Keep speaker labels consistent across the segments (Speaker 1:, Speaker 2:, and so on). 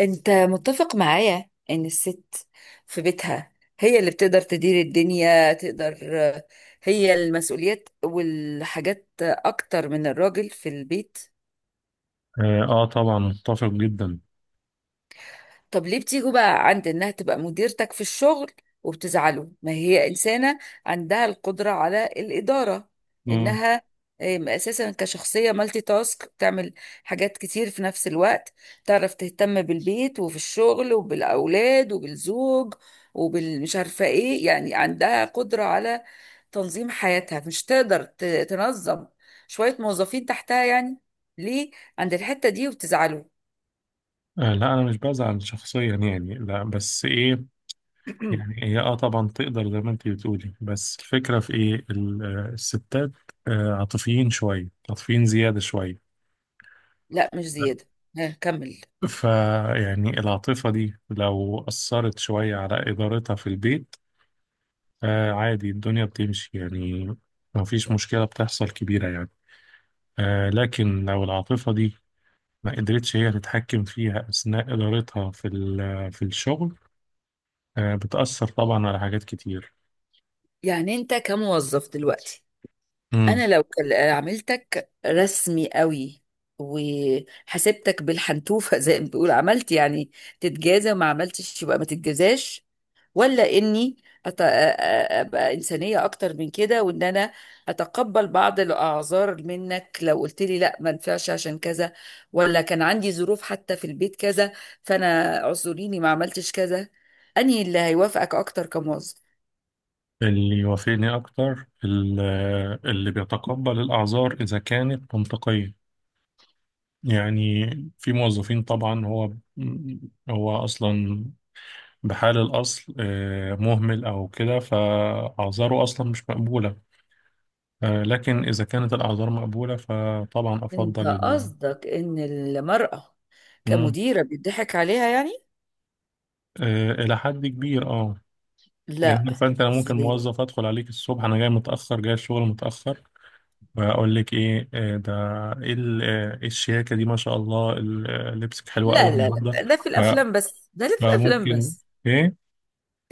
Speaker 1: انت متفق معايا ان الست في بيتها هي اللي بتقدر تدير الدنيا. تقدر هي المسؤوليات والحاجات اكتر من الراجل في البيت.
Speaker 2: اه، طبعا متفق جدا.
Speaker 1: طب ليه بتيجوا بقى عند انها تبقى مديرتك في الشغل وبتزعلوا؟ ما هي انسانة عندها القدرة على الإدارة.
Speaker 2: مم.
Speaker 1: انها اساسا كشخصية مالتي تاسك بتعمل حاجات كتير في نفس الوقت. تعرف تهتم بالبيت وفي الشغل وبالأولاد وبالزوج وبالمش عارفة ايه، يعني عندها قدرة على تنظيم حياتها. مش تقدر تنظم شوية موظفين تحتها، يعني؟ ليه عند الحتة دي وبتزعلوا؟
Speaker 2: لا، انا مش بزعل شخصيا يعني، لا بس ايه. يعني هي طبعا تقدر زي ما انت بتقولي، بس الفكره في ايه الستات عاطفيين شويه، عاطفيين زياده شويه.
Speaker 1: لا، مش زيادة. ها كمل.
Speaker 2: فيعني العاطفه دي لو اثرت شويه على ادارتها في البيت، عادي الدنيا بتمشي يعني، ما فيش مشكله بتحصل كبيره يعني. لكن لو العاطفه دي ما قدرتش هي تتحكم فيها أثناء إدارتها في الشغل، بتأثر طبعا على حاجات كتير.
Speaker 1: يعني انت كموظف دلوقتي،
Speaker 2: مم.
Speaker 1: انا لو عملتك رسمي قوي وحسبتك بالحنتوفة زي ما بيقول، عملت يعني تتجازى وما عملتش يبقى ما تتجازاش، ولا اني ابقى انسانية اكتر من كده، وان انا اتقبل بعض الاعذار منك لو قلت لي لا ما ينفعش عشان كذا، ولا كان عندي ظروف حتى في البيت كذا، فانا اعذريني ما عملتش كذا. انهي اللي هيوافقك اكتر كموظف؟
Speaker 2: اللي يوافقني أكتر اللي بيتقبل الأعذار إذا كانت منطقية. يعني في موظفين طبعا هو أصلا بحال الأصل مهمل أو كده، فأعذاره أصلا مش مقبولة. لكن إذا كانت الأعذار مقبولة فطبعا
Speaker 1: انت
Speaker 2: أفضل
Speaker 1: قصدك ان المرأة
Speaker 2: مم.
Speaker 1: كمديرة بيضحك عليها يعني؟
Speaker 2: إلى حد كبير، أه. يعني
Speaker 1: لا.
Speaker 2: فانت، انا ممكن
Speaker 1: ازاي؟
Speaker 2: موظف ادخل عليك الصبح، انا جاي متاخر جاي الشغل متاخر، واقول لك ايه ده ايه إيه الشياكه دي ما شاء الله لبسك حلوه
Speaker 1: لا
Speaker 2: قوي
Speaker 1: لا
Speaker 2: النهارده.
Speaker 1: لا، ده في
Speaker 2: ف-
Speaker 1: الافلام بس. ده اللي في الافلام
Speaker 2: فممكن
Speaker 1: بس.
Speaker 2: ايه.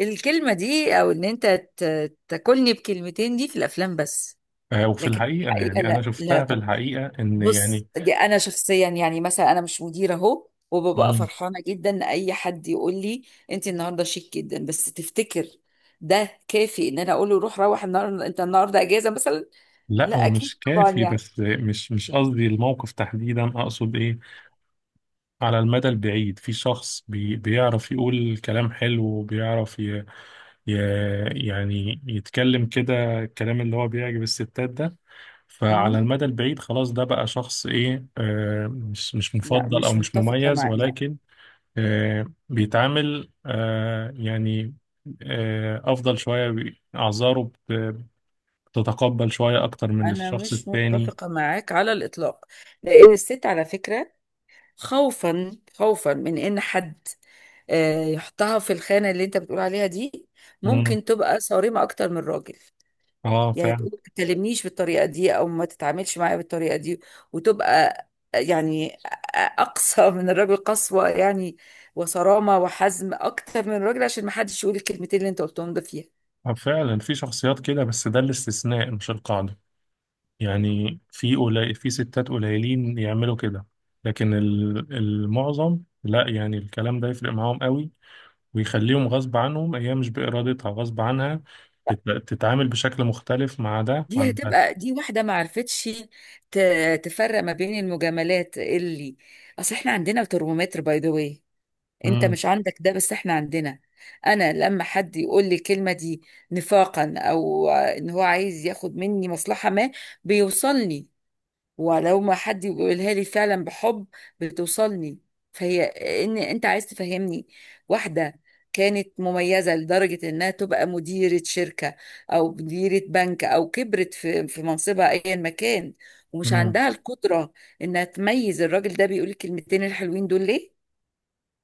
Speaker 1: الكلمة دي، او ان انت تاكلني بكلمتين، دي في الافلام بس.
Speaker 2: وفي
Speaker 1: لكن في
Speaker 2: الحقيقه
Speaker 1: الحقيقة
Speaker 2: يعني انا
Speaker 1: لا. لا
Speaker 2: شفتها في
Speaker 1: طب
Speaker 2: الحقيقه ان
Speaker 1: بص،
Speaker 2: يعني.
Speaker 1: دي انا شخصيا، يعني مثلا انا مش مديرة اهو، وببقى
Speaker 2: مم.
Speaker 1: فرحانة جدا ان اي حد يقول لي انت النهاردة شيك جدا. بس تفتكر ده كافي ان انا اقول له روح روح، النهارده انت النهارده اجازة مثلا؟
Speaker 2: لا
Speaker 1: لا
Speaker 2: هو
Speaker 1: اكيد
Speaker 2: مش
Speaker 1: طبعا،
Speaker 2: كافي،
Speaker 1: يعني.
Speaker 2: بس مش قصدي الموقف تحديدا، اقصد ايه. على المدى البعيد في شخص بيعرف يقول كلام حلو، وبيعرف يعني يتكلم كده الكلام اللي هو بيعجب الستات ده. فعلى
Speaker 1: مم.
Speaker 2: المدى البعيد خلاص ده بقى شخص ايه، مش
Speaker 1: لا،
Speaker 2: مفضل او
Speaker 1: مش
Speaker 2: مش
Speaker 1: متفقة
Speaker 2: مميز،
Speaker 1: معاك. لا،
Speaker 2: ولكن بيتعامل يعني، افضل شوية، اعذاره بت- بتتقبل شوية اكتر من
Speaker 1: أنا
Speaker 2: الشخص
Speaker 1: مش
Speaker 2: التاني.
Speaker 1: متفقة معاك على الإطلاق. لأن الست، على فكرة، خوفا خوفا من إن حد يحطها في الخانة اللي أنت بتقول عليها دي،
Speaker 2: مم.
Speaker 1: ممكن تبقى صارمة أكتر من الراجل.
Speaker 2: اه
Speaker 1: يعني
Speaker 2: فعلا.
Speaker 1: تقول ما تكلمنيش بالطريقة دي أو ما تتعاملش معايا بالطريقة دي، وتبقى آه، يعني آه، أقصى من الراجل قسوة، يعني، وصرامة وحزم أكتر من الراجل عشان ما حدش يقول الكلمتين اللي أنت قلتهم ده فيها.
Speaker 2: فعلا في شخصيات كده، بس ده الاستثناء مش القاعدة. يعني في ستات قليلين يعملوا كده، لكن المعظم، لا يعني الكلام ده يفرق معاهم قوي، ويخليهم غصب عنهم، هي مش بإرادتها غصب عنها تتعامل بشكل مختلف مع ده
Speaker 1: دي
Speaker 2: عن ده.
Speaker 1: هتبقى، دي واحدة ما عرفتش تفرق ما بين المجاملات. اللي، اصل احنا عندنا ترمومتر، باي ذا واي، انت
Speaker 2: مم.
Speaker 1: مش عندك ده بس احنا عندنا. انا لما حد يقول لي الكلمة دي نفاقا، او ان هو عايز ياخد مني مصلحة ما، بيوصلني. ولو ما حد بيقولها لي فعلا بحب، بتوصلني. فهي ان انت عايز تفهمني، واحده كانت مميزه لدرجه انها تبقى مديره شركه او مديره بنك او كبرت في منصبها ايا ما كان، ومش
Speaker 2: مم.
Speaker 1: عندها القدره انها تميز الراجل ده بيقول الكلمتين الحلوين دول ليه؟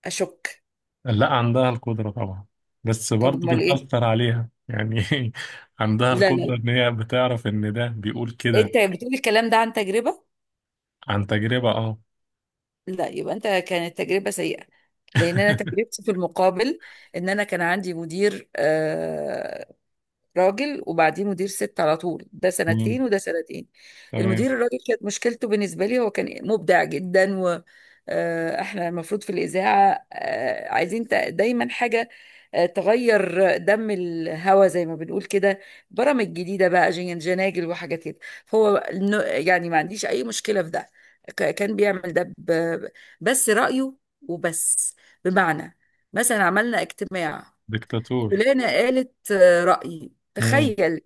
Speaker 1: اشك.
Speaker 2: لا، عندها القدرة طبعا، بس
Speaker 1: طب
Speaker 2: برضه
Speaker 1: امال ايه؟
Speaker 2: بتأثر عليها يعني. عندها
Speaker 1: لا لا،
Speaker 2: القدرة إن هي بتعرف إن ده بيقول كده.
Speaker 1: انت بتقول الكلام ده عن تجربه.
Speaker 2: عن تجربة، اه.
Speaker 1: لا، يبقى انت كانت تجربة سيئة. لان انا تجربتي في المقابل، ان انا كان عندي مدير راجل، وبعديه مدير ست على طول، ده
Speaker 2: مم.
Speaker 1: سنتين وده سنتين. المدير
Speaker 2: تمام.
Speaker 1: الراجل كانت مشكلته بالنسبة لي هو كان مبدع جدا، و احنا المفروض في الإذاعة عايزين دايما حاجة تغير دم الهوا زي ما بنقول كده، برامج جديدة بقى جناجل وحاجات كده. هو يعني ما عنديش أي مشكلة في ده. كان بيعمل ده بس رأيه وبس. بمعنى، مثلا عملنا اجتماع،
Speaker 2: ديكتاتور.
Speaker 1: فلانة قالت رأيي، تخيل،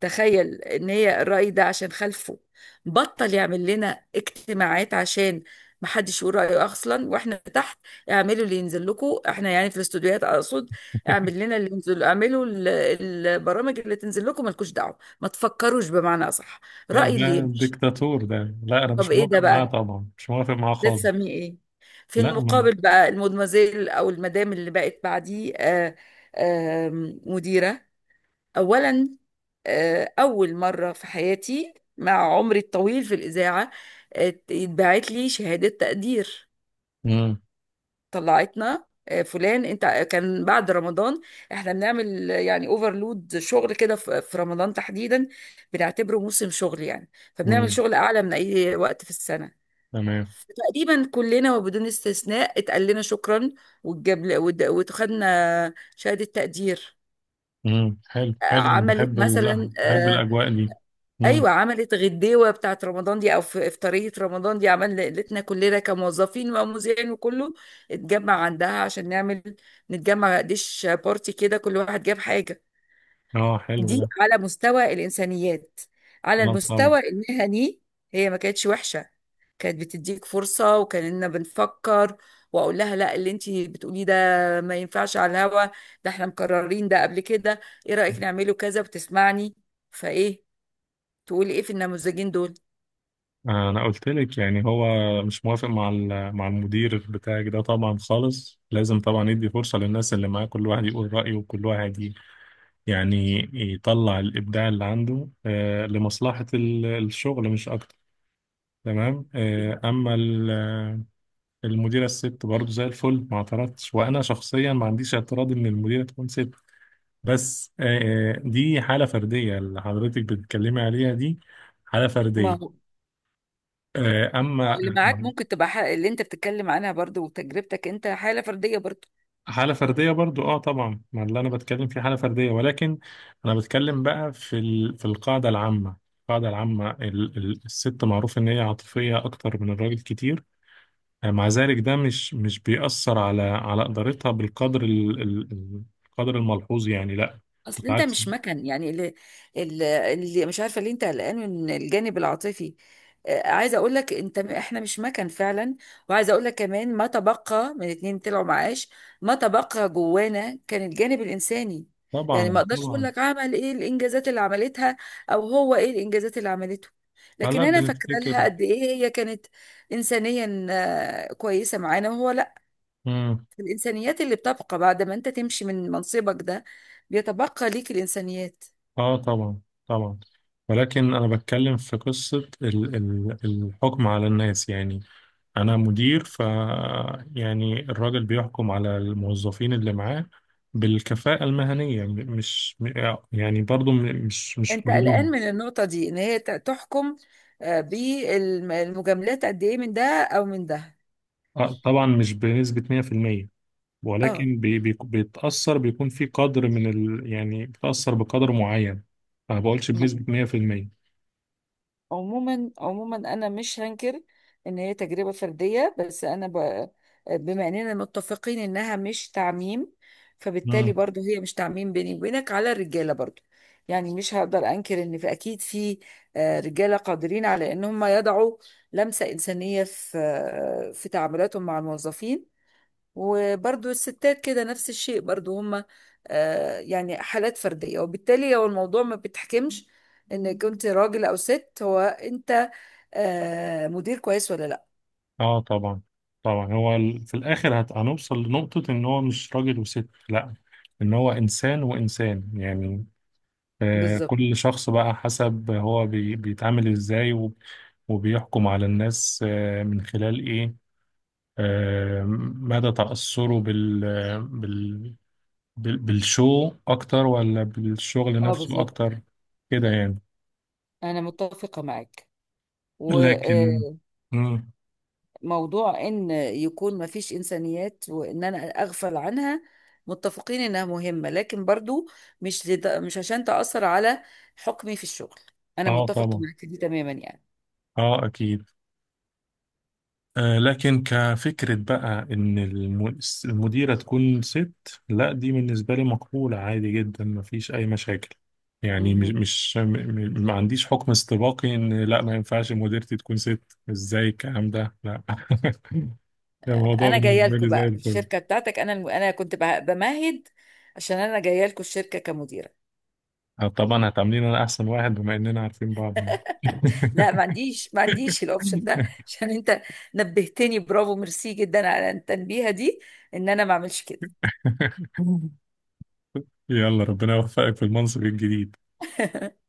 Speaker 1: تخيل ان هي الرأي ده عشان خلفه بطل يعمل لنا اجتماعات عشان محدش يقول رأيه اصلا، واحنا تحت اعملوا اللي ينزل لكم. احنا يعني في الاستوديوهات اقصد، اعمل لنا اللي ينزل، اعملوا البرامج اللي تنزل لكم، مالكوش دعوة ما تفكروش، بمعنى اصح
Speaker 2: لا،
Speaker 1: رأي اللي
Speaker 2: ده
Speaker 1: يمشي.
Speaker 2: ديكتاتور ده، لا انا مش
Speaker 1: طب ايه
Speaker 2: موافق
Speaker 1: ده
Speaker 2: معاه
Speaker 1: بقى؟
Speaker 2: طبعا، مش موافق معاه
Speaker 1: ده
Speaker 2: خالص.
Speaker 1: تسميه ايه؟ في
Speaker 2: لا، ما.
Speaker 1: المقابل بقى، المدمزيل او المدام اللي بقت بعديه آه، مديرة، أولا أول مرة في حياتي مع عمري الطويل في الإذاعة اتبعت لي شهادة تقدير.
Speaker 2: مم.
Speaker 1: طلعتنا فلان انت كان بعد رمضان، احنا بنعمل يعني اوفرلود شغل كده في رمضان تحديدا، بنعتبره موسم شغل يعني. فبنعمل
Speaker 2: مم.
Speaker 1: شغل اعلى من اي وقت في السنه.
Speaker 2: تمام.
Speaker 1: تقريبا كلنا وبدون استثناء اتقال لنا شكرا، واتجاب وخدنا شهاده تقدير.
Speaker 2: مم. حلو، حلو،
Speaker 1: عملت
Speaker 2: بحب
Speaker 1: مثلا
Speaker 2: بحب الاجواء دي. مم.
Speaker 1: ايوه، عملت غديوه بتاعت رمضان دي، او في افطاريه رمضان دي، عمل ليلتنا كلنا كموظفين ومذيعين وكله اتجمع عندها عشان نعمل، نتجمع ديش بارتي كده، كل واحد جاب حاجه.
Speaker 2: اه، حلو
Speaker 1: دي
Speaker 2: ده.
Speaker 1: على مستوى الانسانيات. على
Speaker 2: اه، طبعا.
Speaker 1: المستوى المهني هي ما كانتش وحشه، كانت بتديك فرصه وكاننا بنفكر. واقول لها: لا، اللي انت بتقوليه ده ما ينفعش على الهوا، ده احنا مقررين ده قبل كده، ايه رايك نعمله كذا، وتسمعني. فايه تقولي ايه في النموذجين دول؟
Speaker 2: انا قلت لك يعني هو مش موافق مع المدير بتاعك ده طبعا خالص، لازم طبعا يدي فرصة للناس اللي معاه، كل واحد يقول رأيه وكل واحد يعني يطلع الابداع اللي عنده، لمصلحة الشغل مش اكتر. تمام. اما المديرة الست برضه زي الفل، ما اعترضتش، وأنا شخصيا ما عنديش اعتراض إن المديرة تكون ست. بس دي حالة فردية اللي حضرتك بتتكلمي عليها، دي حالة
Speaker 1: ما
Speaker 2: فردية.
Speaker 1: هو
Speaker 2: أما
Speaker 1: اللي معاك ممكن تبقى حق، اللي انت بتتكلم عنها برضو، وتجربتك انت حالة فردية برضو.
Speaker 2: حالة فردية برضو، اه طبعا، ما اللي أنا بتكلم فيه حالة فردية، ولكن أنا بتكلم بقى في القاعدة العامة. القاعدة العامة، الست معروف إن هي عاطفية أكتر من الراجل كتير. يعني مع ذلك ده مش بيأثر على إدارتها بالقدر القدر الملحوظ يعني، لا،
Speaker 1: اصل انت
Speaker 2: بالعكس.
Speaker 1: مش مكن، يعني، اللي مش عارفه ليه انت قلقان من الجانب العاطفي. عايزه اقول لك انت، احنا مش مكن فعلا. وعايزه اقول لك كمان، ما تبقى من اتنين طلعوا معاش ما تبقى جوانا كان الجانب الانساني. يعني ما
Speaker 2: طبعا،
Speaker 1: اقدرش اقول
Speaker 2: طبعا.
Speaker 1: لك عمل ايه الانجازات اللي عملتها، او هو ايه الانجازات اللي عملته، لكن
Speaker 2: هلا
Speaker 1: انا فاكره لها
Speaker 2: بنفتكر.
Speaker 1: قد ايه هي كانت انسانيا كويسه معانا، وهو لا.
Speaker 2: مم.
Speaker 1: الإنسانيات اللي بتبقى بعد ما أنت تمشي من منصبك ده، بيتبقى ليك الإنسانيات.
Speaker 2: اه طبعا، طبعا، ولكن انا بتكلم في قصة الحكم على الناس يعني. انا مدير يعني الراجل بيحكم على الموظفين اللي معاه بالكفاءة المهنية، مش يعني برضو مش
Speaker 1: أنت قلقان
Speaker 2: كلهم.
Speaker 1: من النقطة دي إن هي تحكم بالمجاملات قد إيه من ده أو من ده؟
Speaker 2: طبعا مش بنسبة 100%،
Speaker 1: اه.
Speaker 2: ولكن بي بي بيتأثر، بيكون في قدر من يعني بتأثر بقدر معين، ما بقولش بنسبة 100%.
Speaker 1: عموما عموما، انا مش هنكر ان هي تجربه فرديه، بس بما اننا متفقين انها مش تعميم، فبالتالي
Speaker 2: مم.
Speaker 1: برضو هي مش تعميم بيني وبينك على الرجاله برضو. يعني مش هقدر انكر ان في، اكيد، في رجاله قادرين على ان هم يضعوا لمسه انسانيه في تعاملاتهم مع الموظفين. وبرضو الستات كده نفس الشيء برضو، هما يعني حالات فردية. وبالتالي هو الموضوع ما بتحكمش ان كنت راجل او ست، هو انت مدير كويس ولا لا.
Speaker 2: اه، طبعا، طبعا. هو في الآخر هنوصل لنقطة إن هو مش راجل وست، لا، إن هو إنسان وإنسان يعني.
Speaker 1: بالظبط.
Speaker 2: كل شخص بقى حسب هو بيتعامل إزاي وبيحكم على الناس من خلال إيه، آه مدى تأثره بال... بالشو اكتر ولا بالشغل
Speaker 1: اه
Speaker 2: نفسه
Speaker 1: بالظبط،
Speaker 2: اكتر، كده يعني.
Speaker 1: انا متفقه معاك.
Speaker 2: لكن.
Speaker 1: وموضوع
Speaker 2: مم.
Speaker 1: ان يكون ما فيش انسانيات وان انا اغفل عنها، متفقين انها مهمة، لكن برضو مش عشان تأثر على حكمي في الشغل، انا
Speaker 2: اه
Speaker 1: متفق
Speaker 2: طبعا،
Speaker 1: معك دي تماما يعني.
Speaker 2: اه اكيد. لكن كفكرة بقى ان المديرة تكون ست، لا دي بالنسبة لي مقبولة عادي جدا، مفيش اي مشاكل. يعني مش
Speaker 1: مهم.
Speaker 2: مش م- م- ما عنديش حكم استباقي ان لا ما ينفعش مديرتي تكون ست، ازاي الكلام ده، لا. الموضوع
Speaker 1: انا جايه
Speaker 2: بالنسبة
Speaker 1: لكم
Speaker 2: لي زي
Speaker 1: بقى
Speaker 2: الفل.
Speaker 1: الشركه بتاعتك. انا كنت بمهد عشان انا جايه لكم الشركه كمديره.
Speaker 2: طبعا هتعاملين انا احسن واحد بما اننا عارفين بعض يعني.
Speaker 1: لا، ما عنديش الاوبشن ده عشان انت نبهتني. برافو، ميرسي جدا على التنبيهه دي ان انا ما اعملش كده.
Speaker 2: يلا ربنا يوفقك في المنصب الجديد.